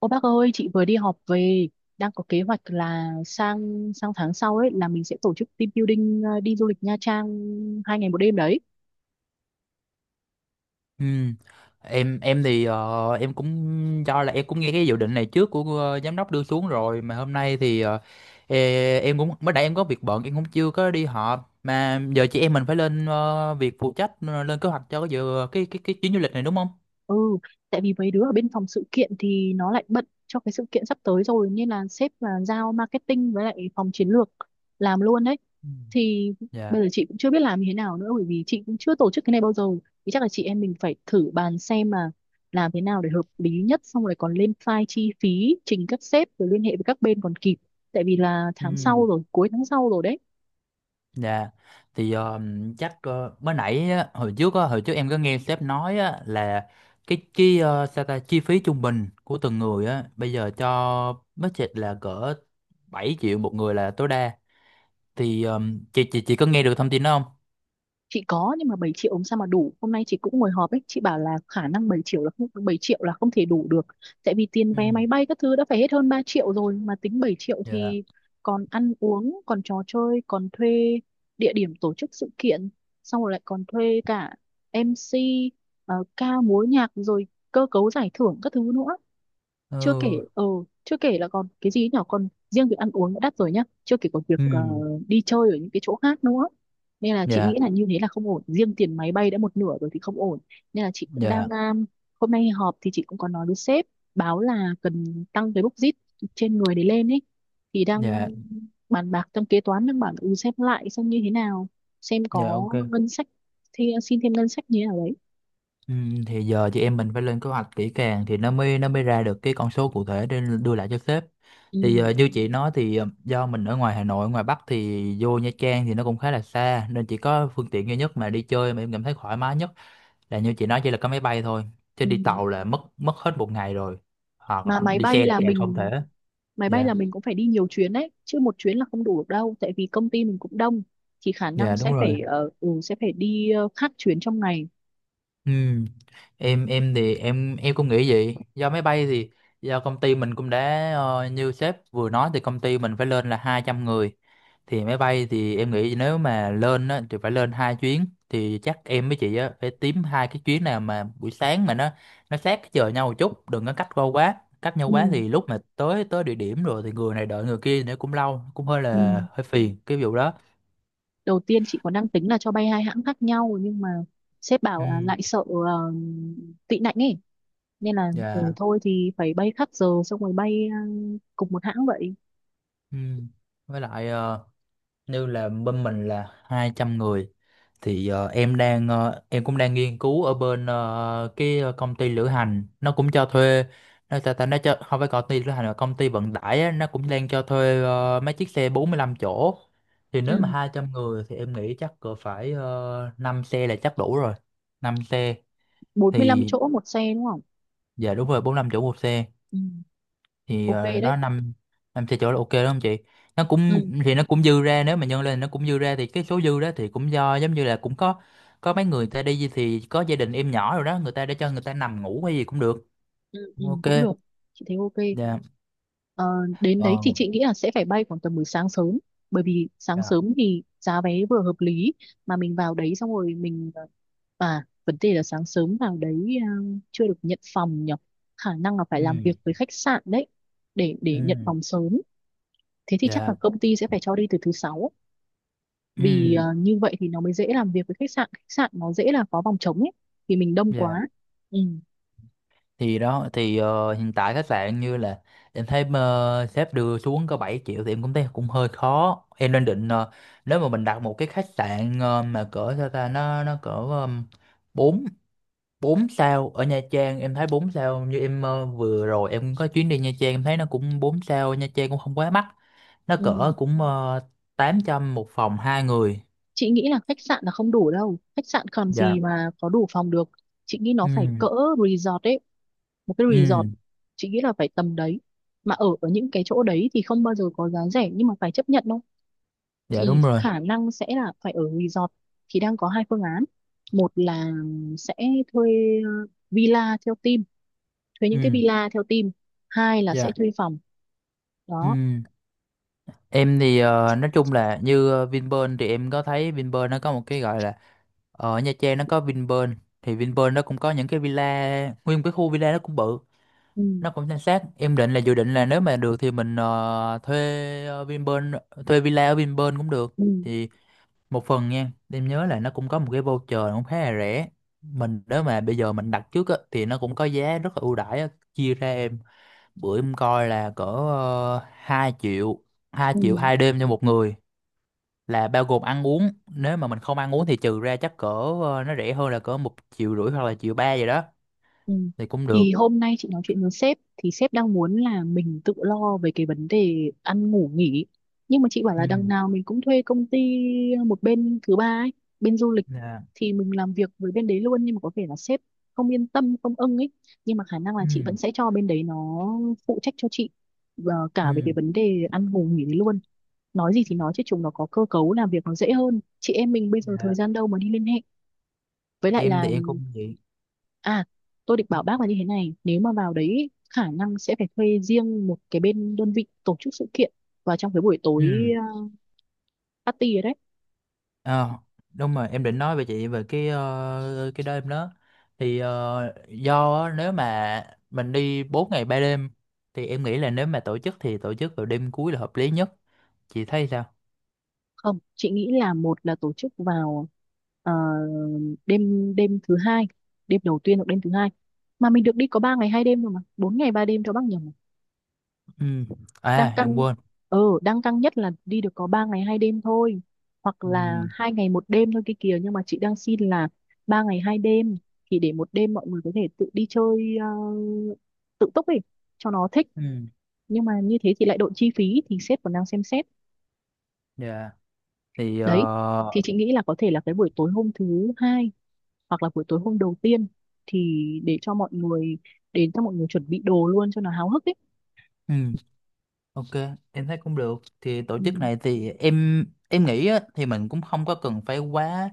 Ô bác ơi, chị vừa đi họp về, đang có kế hoạch là sang sang tháng sau ấy là mình sẽ tổ chức team building, đi du lịch Nha Trang 2 ngày 1 đêm đấy. Ừ. Em thì em cũng do là em cũng nghe cái dự định này trước của giám đốc đưa xuống rồi, mà hôm nay em cũng mới nãy em có việc bận, em cũng chưa có đi họp, mà giờ chị em mình phải lên việc phụ trách, lên kế hoạch cho cái dự cái chuyến du lịch này, đúng không? Ừ, tại vì mấy đứa ở bên phòng sự kiện thì nó lại bận cho cái sự kiện sắp tới rồi nên là sếp là giao marketing với lại phòng chiến lược làm luôn đấy. Ừ. Thì Dạ. bây giờ chị cũng chưa biết làm như thế nào nữa, bởi vì chị cũng chưa tổ chức cái này bao giờ. Thì chắc là chị em mình phải thử bàn xem mà làm thế nào để hợp lý nhất, xong rồi còn lên file chi phí trình các sếp rồi liên hệ với các bên còn kịp. Tại vì là Ừ. tháng sau rồi, cuối tháng sau rồi đấy. Dạ. Thì ờ, chắc ờ, mới nãy á, hồi trước em có nghe sếp nói á, là sao ta, chi phí trung bình của từng người á bây giờ cho budget là cỡ 7 triệu một người là tối đa. Thì ờ, chị có nghe được thông tin đó không? Chị có, nhưng mà 7 triệu làm sao mà đủ. Hôm nay chị cũng ngồi họp ấy, chị bảo là khả năng 7 triệu là không, 7 triệu là không thể đủ được, tại vì tiền Ừ. vé máy bay các thứ đã phải hết hơn 3 triệu rồi, mà tính 7 triệu Dạ. thì còn ăn uống, còn trò chơi, còn thuê địa điểm tổ chức sự kiện, xong rồi lại còn thuê cả MC, ca múa nhạc, rồi cơ cấu giải thưởng các thứ nữa. chưa Ừ. kể ờ chưa kể là còn cái gì nhỏ, còn riêng việc ăn uống đã đắt rồi nhá, chưa kể còn việc Ừ. Đi chơi ở những cái chỗ khác nữa. Nên là chị Dạ, nghĩ là như thế là không ổn, riêng tiền máy bay đã một nửa rồi thì không ổn. Nên là chị cũng đang dạ, hôm nay họp thì chị cũng có nói với sếp, báo là cần tăng cái bốc dít trên người để lên ấy. Thì đang dạ, bàn bạc, trong kế toán đang bảo là, ừ, xem lại xem như thế nào, xem dạ, có ok. ngân sách thì xin thêm ngân sách như thế nào đấy. Ừ, thì giờ chị em mình phải lên kế hoạch kỹ càng thì nó mới ra được cái con số cụ thể để đưa lại cho sếp. Ừ, Như chị nói thì do mình ở ngoài Hà Nội, ngoài Bắc, thì vô Nha Trang thì nó cũng khá là xa, nên chỉ có phương tiện duy nhất mà đi chơi mà em cảm thấy thoải mái nhất là như chị nói, chỉ là có máy bay thôi, chứ ừ. đi tàu là mất mất hết một ngày rồi, hoặc Mà máy đi bay xe là là càng không mình thể. máy bay Dạ. là mình cũng phải đi nhiều chuyến đấy chứ, một chuyến là không đủ được đâu, tại vì công ty mình cũng đông. Thì khả năng Dạ đúng sẽ rồi. phải sẽ phải đi khác chuyến trong ngày. Ừ. Em thì em cũng nghĩ vậy. Do máy bay thì do công ty mình cũng đã, như sếp vừa nói, thì công ty mình phải lên là 200 người. Thì máy bay thì em nghĩ nếu mà lên á, thì phải lên hai chuyến, thì chắc em với chị á phải tím hai cái chuyến nào mà buổi sáng mà nó sát cái giờ nhau một chút, đừng có cách qua quá. Cách nhau Ừ. quá thì lúc mà tới tới địa điểm rồi thì người này đợi người kia nữa cũng lâu, cũng hơi Ừ. là hơi phiền cái vụ đó. Đầu tiên chị còn đang tính là cho bay hai hãng khác nhau, nhưng mà sếp bảo là Ừ. lại sợ tị nạnh ấy, nên là ừ, Dạ. thôi thì phải bay khác giờ, xong rồi bay cùng một hãng vậy. Ừ. Với lại, như là bên mình là 200 người, thì em cũng đang nghiên cứu ở bên, cái công ty lữ hành nó cũng cho thuê, nó ta, ta nó cho, không phải công ty lữ hành mà công ty vận tải á, nó cũng đang cho thuê mấy chiếc xe 45 chỗ. Thì nếu mà Ừ. 200 người thì em nghĩ chắc cỡ phải 5 xe là chắc đủ rồi. Năm xe. 45 Thì chỗ một xe đúng không? dạ đúng rồi, 45 chỗ một xe. Ừ. Ok đấy. đó, năm năm xe chỗ là ok đó không chị, nó cũng Ừ. thì nó cũng dư ra, nếu mà nhân lên nó cũng dư ra, thì cái số dư đó thì cũng do giống như là cũng có mấy người ta đi thì có gia đình em nhỏ rồi đó, người ta để cho người ta nằm ngủ hay gì cũng được. Ừ. Ừ. Ok. Cũng được. Chị thấy ok. Dạ. Ờ, đến đấy Ờ. thì chị nghĩ là sẽ phải bay khoảng tầm buổi sáng sớm, bởi vì sáng Dạ. sớm thì giá vé vừa hợp lý mà mình vào đấy xong rồi mình, à, vấn đề là sáng sớm vào đấy à, chưa được nhận phòng nhỉ. Khả năng là phải Ừ. làm việc với khách sạn đấy, để nhận Ừ. phòng sớm. Thế thì chắc là Dạ. công ty sẽ phải cho đi từ thứ sáu, vì Ừ. à, như vậy thì nó mới dễ làm việc với khách sạn, khách sạn nó dễ là có phòng trống ấy, vì mình đông Dạ, quá. Ừ. thì đó, hiện tại khách sạn như là em thấy sếp đưa xuống có 7 triệu, thì em cũng thấy cũng hơi khó, em đang định nếu mà mình đặt một cái khách sạn mà cỡ sao ta, nó cỡ bốn 4 sao ở Nha Trang, em thấy 4 sao, như em vừa rồi em có chuyến đi Nha Trang em thấy nó cũng 4 sao, Nha Trang cũng không quá mắc, nó cỡ Ừ. cũng uh, 800 một phòng hai người. Chị nghĩ là khách sạn là không đủ đâu, khách sạn còn Dạ. gì mà có đủ phòng được. Chị nghĩ nó phải cỡ Ừ. resort ấy, một cái resort, Ừ. chị nghĩ là phải tầm đấy. Mà ở ở những cái chỗ đấy thì không bao giờ có giá rẻ nhưng mà phải chấp nhận đâu. Dạ Thì đúng rồi. khả năng sẽ là phải ở resort. Thì đang có hai phương án. Một là sẽ thuê ờ, villa theo team, thuê những cái Ừ. villa theo team. Hai là sẽ Dạ. thuê phòng đó. Ừ. Em thì nói chung là như Vinpearl thì em có thấy Vinpearl nó có một cái gọi là, ở Nha Trang nó có Vinpearl, thì Vinpearl nó cũng có những cái villa, nguyên một cái khu villa nó cũng bự, Ừ. nó cũng san sát, em định là dự định là nếu mà được thì mình thuê Vinpearl, thuê villa ở Vinpearl cũng được. Ừ. Thì một phần nha, em nhớ là nó cũng có một cái voucher cũng khá là rẻ, mình nếu mà bây giờ mình đặt trước á, thì nó cũng có giá rất là ưu đãi á. Chia ra, em bữa em coi là cỡ, 2 triệu hai Ừ. triệu hai đêm cho một người, là bao gồm ăn uống, nếu mà mình không ăn uống thì trừ ra chắc cỡ, nó rẻ hơn là cỡ một triệu rưỡi hoặc là triệu ba vậy đó, Ừ. thì cũng được. Thì hôm nay chị nói chuyện với sếp thì sếp đang muốn là mình tự lo về cái vấn đề ăn ngủ nghỉ, nhưng mà chị bảo là đằng Ừ. nào mình cũng thuê công ty, một bên thứ ba ấy, bên du lịch, Dạ. thì mình làm việc với bên đấy luôn. Nhưng mà có vẻ là sếp không yên tâm, không ưng ấy, nhưng mà khả năng là chị vẫn Ừ. sẽ cho bên đấy nó phụ trách cho chị và cả về Ừ. cái vấn đề ăn ngủ nghỉ đấy luôn. Nói gì thì nói chứ chúng nó có cơ cấu làm việc nó dễ hơn, chị em mình bây giờ thời Dạ. gian đâu mà đi liên hệ với lại Em thì là. em cũng vậy. À, tôi định bảo bác là như thế này, nếu mà vào đấy ý, khả năng sẽ phải thuê riêng một cái bên đơn vị tổ chức sự kiện vào trong cái buổi tối, Ừ. ờ, party ấy đấy. À, đúng rồi, em định nói về chị về cái, cái đó em đó. Do á, nếu mà mình đi 4 ngày 3 đêm thì em nghĩ là nếu mà tổ chức thì tổ chức vào đêm cuối là hợp lý nhất, chị thấy sao? Không, chị nghĩ là một là tổ chức vào ờ, đêm đêm thứ hai, đêm đầu tiên hoặc đêm thứ hai. Mà mình được đi có 3 ngày 2 đêm rồi mà, 4 ngày 3 đêm cho bác nhầm. Ừ. Đang À em căng, quên. Đang căng nhất là đi được có 3 ngày 2 đêm thôi, hoặc là Ừ. 2 ngày 1 đêm thôi kia kìa, nhưng mà chị đang xin là 3 ngày 2 đêm, thì để một đêm mọi người có thể tự đi chơi tự túc ấy cho nó thích. Ừ. Nhưng mà như thế thì lại đội chi phí thì sếp còn đang xem xét. Dạ. thì Đấy, thì ờ, chị nghĩ là có thể là cái buổi tối hôm thứ hai hoặc là buổi tối hôm đầu tiên, thì để cho mọi người đến, cho mọi người chuẩn bị đồ luôn cho nó háo hức ấy. ừ. Ok, em thấy cũng được. Thì tổ Ừ. chức này thì em nghĩ á, thì mình cũng không có cần phải quá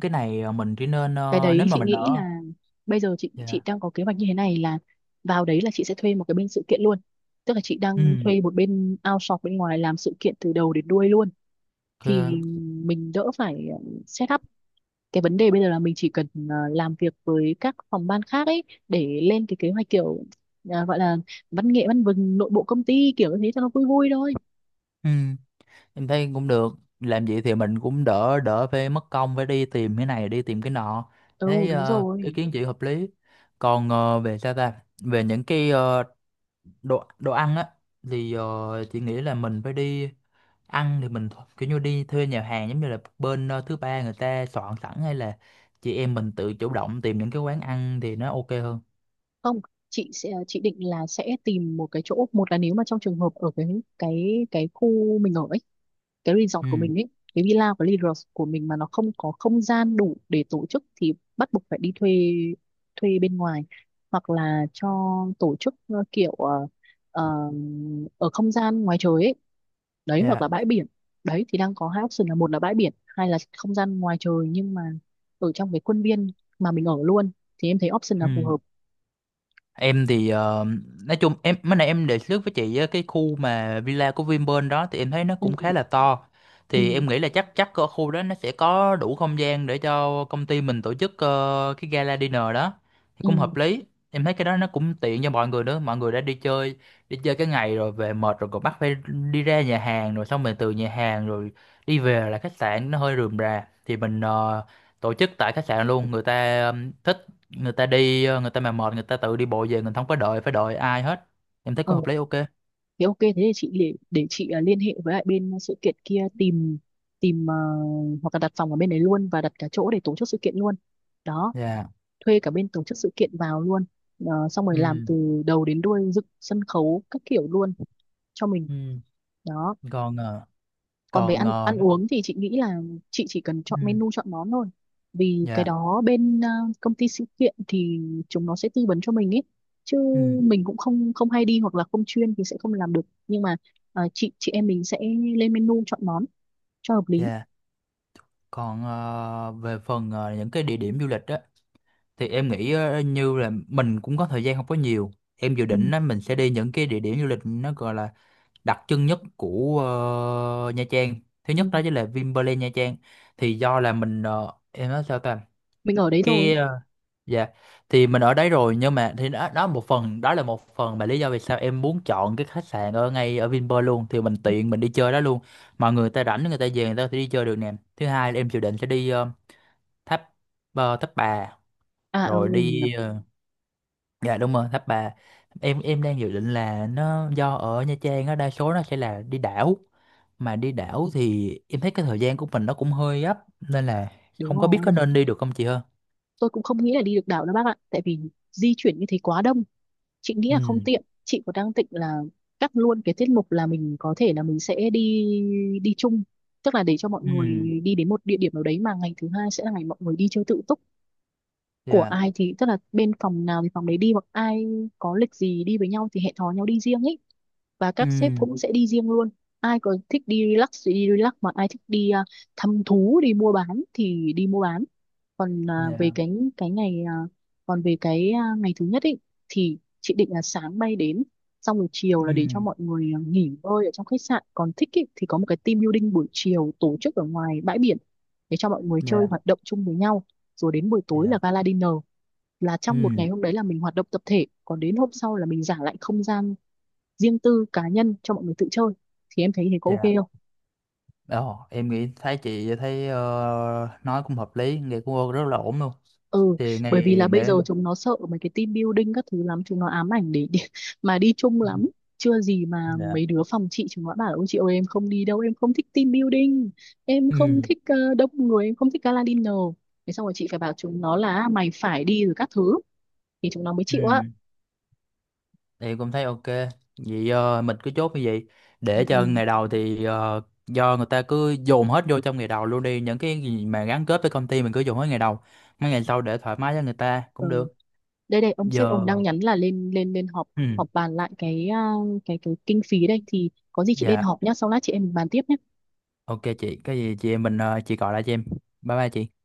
cái này, mình chỉ nên, Cái đấy nếu mà chị mình ở. nghĩ là bây giờ chị Dạ. đang có kế hoạch như thế này là vào đấy là chị sẽ thuê một cái bên sự kiện luôn, tức là chị Ừ, đang thuê một bên outsource bên ngoài làm sự kiện từ đầu đến đuôi luôn. Thì ok. mình đỡ phải set up, cái vấn đề bây giờ là mình chỉ cần làm việc với các phòng ban khác ấy để lên cái kế hoạch, kiểu gọi là văn nghệ văn vừng nội bộ công ty, kiểu như thế cho nó vui vui thôi. Ừ, em thấy cũng được. Làm vậy thì mình cũng đỡ đỡ phải mất công phải đi tìm cái này đi tìm cái nọ. Ừ, Thấy đúng ý rồi. kiến chị hợp lý. Còn về sao ta? Về những cái, đồ đồ ăn á, thì chị nghĩ là mình phải đi ăn thì mình kiểu như đi thuê nhà hàng giống như là bên, thứ ba người ta soạn sẵn, hay là chị em mình tự chủ động tìm những cái quán ăn thì nó ok hơn? Không, chị định là sẽ tìm một cái chỗ, một là nếu mà trong trường hợp ở cái cái khu mình ở, cái resort Ừ. của mình ấy, cái villa của resort của mình mà nó không có không gian đủ để tổ chức thì bắt buộc phải đi thuê, thuê bên ngoài, hoặc là cho tổ chức kiểu ờ, ở không gian ngoài trời ấy đấy, hoặc Dạ. là bãi biển. Đấy, thì đang có hai option, là một là bãi biển, hai là không gian ngoài trời, nhưng mà ở trong cái khuôn viên mà mình ở luôn thì em thấy option là phù Ừ. hợp. Em thì nói chung em mới nãy em đề xuất với chị á, cái khu mà villa của Vinpearl đó thì em thấy nó cũng khá Ừ. là to. Ừ. Thì em nghĩ là chắc chắc ở khu đó nó sẽ có đủ không gian để cho công ty mình tổ chức cái gala dinner đó. Thì cũng hợp lý. Em thấy cái đó nó cũng tiện cho mọi người nữa, mọi người đã đi chơi cái ngày rồi về mệt rồi còn bắt phải đi ra nhà hàng, rồi xong mình từ nhà hàng rồi đi về là khách sạn nó hơi rườm rà. Thì mình tổ chức tại khách sạn luôn, người ta thích, người ta đi, người ta mà mệt người ta tự đi bộ về, mình không có đợi phải đợi ai hết. Em thấy cũng Ừ. hợp lý, ok. Thế ok, thế thì chị để, chị liên hệ với lại bên sự kiện kia, tìm tìm ờ, hoặc là đặt phòng ở bên đấy luôn và đặt cả chỗ để tổ chức sự kiện luôn. Đó, Dạ. thuê cả bên tổ chức sự kiện vào luôn. Ờ, xong rồi làm Ừ. từ đầu đến đuôi, dựng sân khấu các kiểu luôn cho mình. Ừ. Đó, Còn, còn về còn, ăn ăn uống thì chị nghĩ là chị chỉ cần ừ. chọn menu, chọn món thôi, vì cái Dạ. đó bên công ty sự kiện thì chúng nó sẽ tư vấn cho mình ấy, chứ Ừ. mình cũng không, không hay đi hoặc là không chuyên thì sẽ không làm được. Nhưng mà chị em mình sẽ lên menu, chọn món cho hợp lý. Dạ. Còn về phần, những cái địa điểm du lịch á, thì em nghĩ như là mình cũng có thời gian không có nhiều, em dự Ừ, định á mình sẽ đi những cái địa điểm du lịch nó gọi là đặc trưng nhất của, Nha Trang. Thứ ừ. nhất đó chính là Vinpearl Nha Trang, thì do là mình, em nói sao ta Mình ở đấy rồi. cái, dạ, thì mình ở đấy rồi, nhưng mà thì đó, đó một phần, đó là một phần mà lý do vì sao em muốn chọn cái khách sạn ở ngay ở Vinpearl luôn, thì mình tiện mình đi chơi đó luôn. Mọi người ta rảnh người ta về người ta có thể đi chơi được nè. Thứ hai là em dự định sẽ đi, tháp tháp bà, À, ừ, rồi nhở, đi, dạ, đúng rồi, tháp bà. Em đang dự định là nó do ở Nha Trang á, đa số nó sẽ là đi đảo, mà đi đảo thì em thấy cái thời gian của mình nó cũng hơi gấp, nên là đúng không có biết rồi. có nên đi được không chị ha. Tôi cũng không nghĩ là đi được đảo đâu bác ạ, tại vì di chuyển như thế quá đông chị nghĩ Ừ. là không tiện. Chị có đang định là cắt luôn cái tiết mục là mình có thể là mình sẽ đi, đi chung, tức là để cho mọi người Ừ. đi đến một địa điểm nào đấy, mà ngày thứ hai sẽ là ngày mọi người đi chơi tự túc của Dạ. ai thì, tức là bên phòng nào thì phòng đấy đi, hoặc ai có lịch gì đi với nhau thì hẹn hò nhau đi riêng ý, và Ừ. các sếp cũng sẽ đi riêng luôn. Ai có thích đi relax thì đi relax, mà ai thích đi à, thăm thú đi mua bán thì đi mua bán. Còn à, về Dạ. Cái ngày à, còn về cái à, ngày thứ nhất ấy thì chị định là sáng bay đến, xong rồi chiều Ừ, là để cho mọi người à, nghỉ ngơi ở trong khách sạn, còn thích ý, thì có một cái team building buổi chiều tổ chức ở ngoài bãi biển để cho mọi người chơi dạ, hoạt động chung với nhau, rồi đến buổi tối là dạ, gala dinner, là trong một ừ, ngày hôm đấy là mình hoạt động tập thể, còn đến hôm sau là mình giả lại không gian riêng tư cá nhân cho mọi người tự chơi. Thì em thấy thế có ok dạ. không? Ồ, em nghĩ thấy chị thấy, nói cũng hợp lý, nghe cũng rất là ổn luôn. Ừ, Thì bởi vì này là bây giờ để, chúng nó sợ mấy cái team building các thứ lắm, chúng nó ám ảnh để mà đi chung lắm. Chưa gì mà dạ, mấy đứa phòng chị chúng nó bảo, ôi chị ơi em không đi đâu, em không thích team building, em không ừ, thích đông người, em không thích gala dinner. Thế xong rồi chị phải bảo chúng nó là: "À, mày phải đi rồi các thứ", thì chúng nó mới chịu á. ừ, thì cũng thấy ok. Vậy mình cứ chốt như vậy, Ừ, để ừ, cho ngày đầu thì, do người ta cứ dồn hết vô trong ngày đầu luôn đi, những cái gì mà gắn kết với công ty mình cứ dồn hết ngày đầu, mấy ngày sau để thoải mái cho người ta cũng ừ. được. Đây đây, ông sếp Giờ, ông đang nhắn là lên lên lên họp ừ, họp bàn lại cái à, cái kinh phí đây, thì có gì chị lên dạ, họp nhá, sau lát chị em mình bàn tiếp nhá. ok chị, cái gì chị em mình, chị gọi lại cho em. Bye bye chị.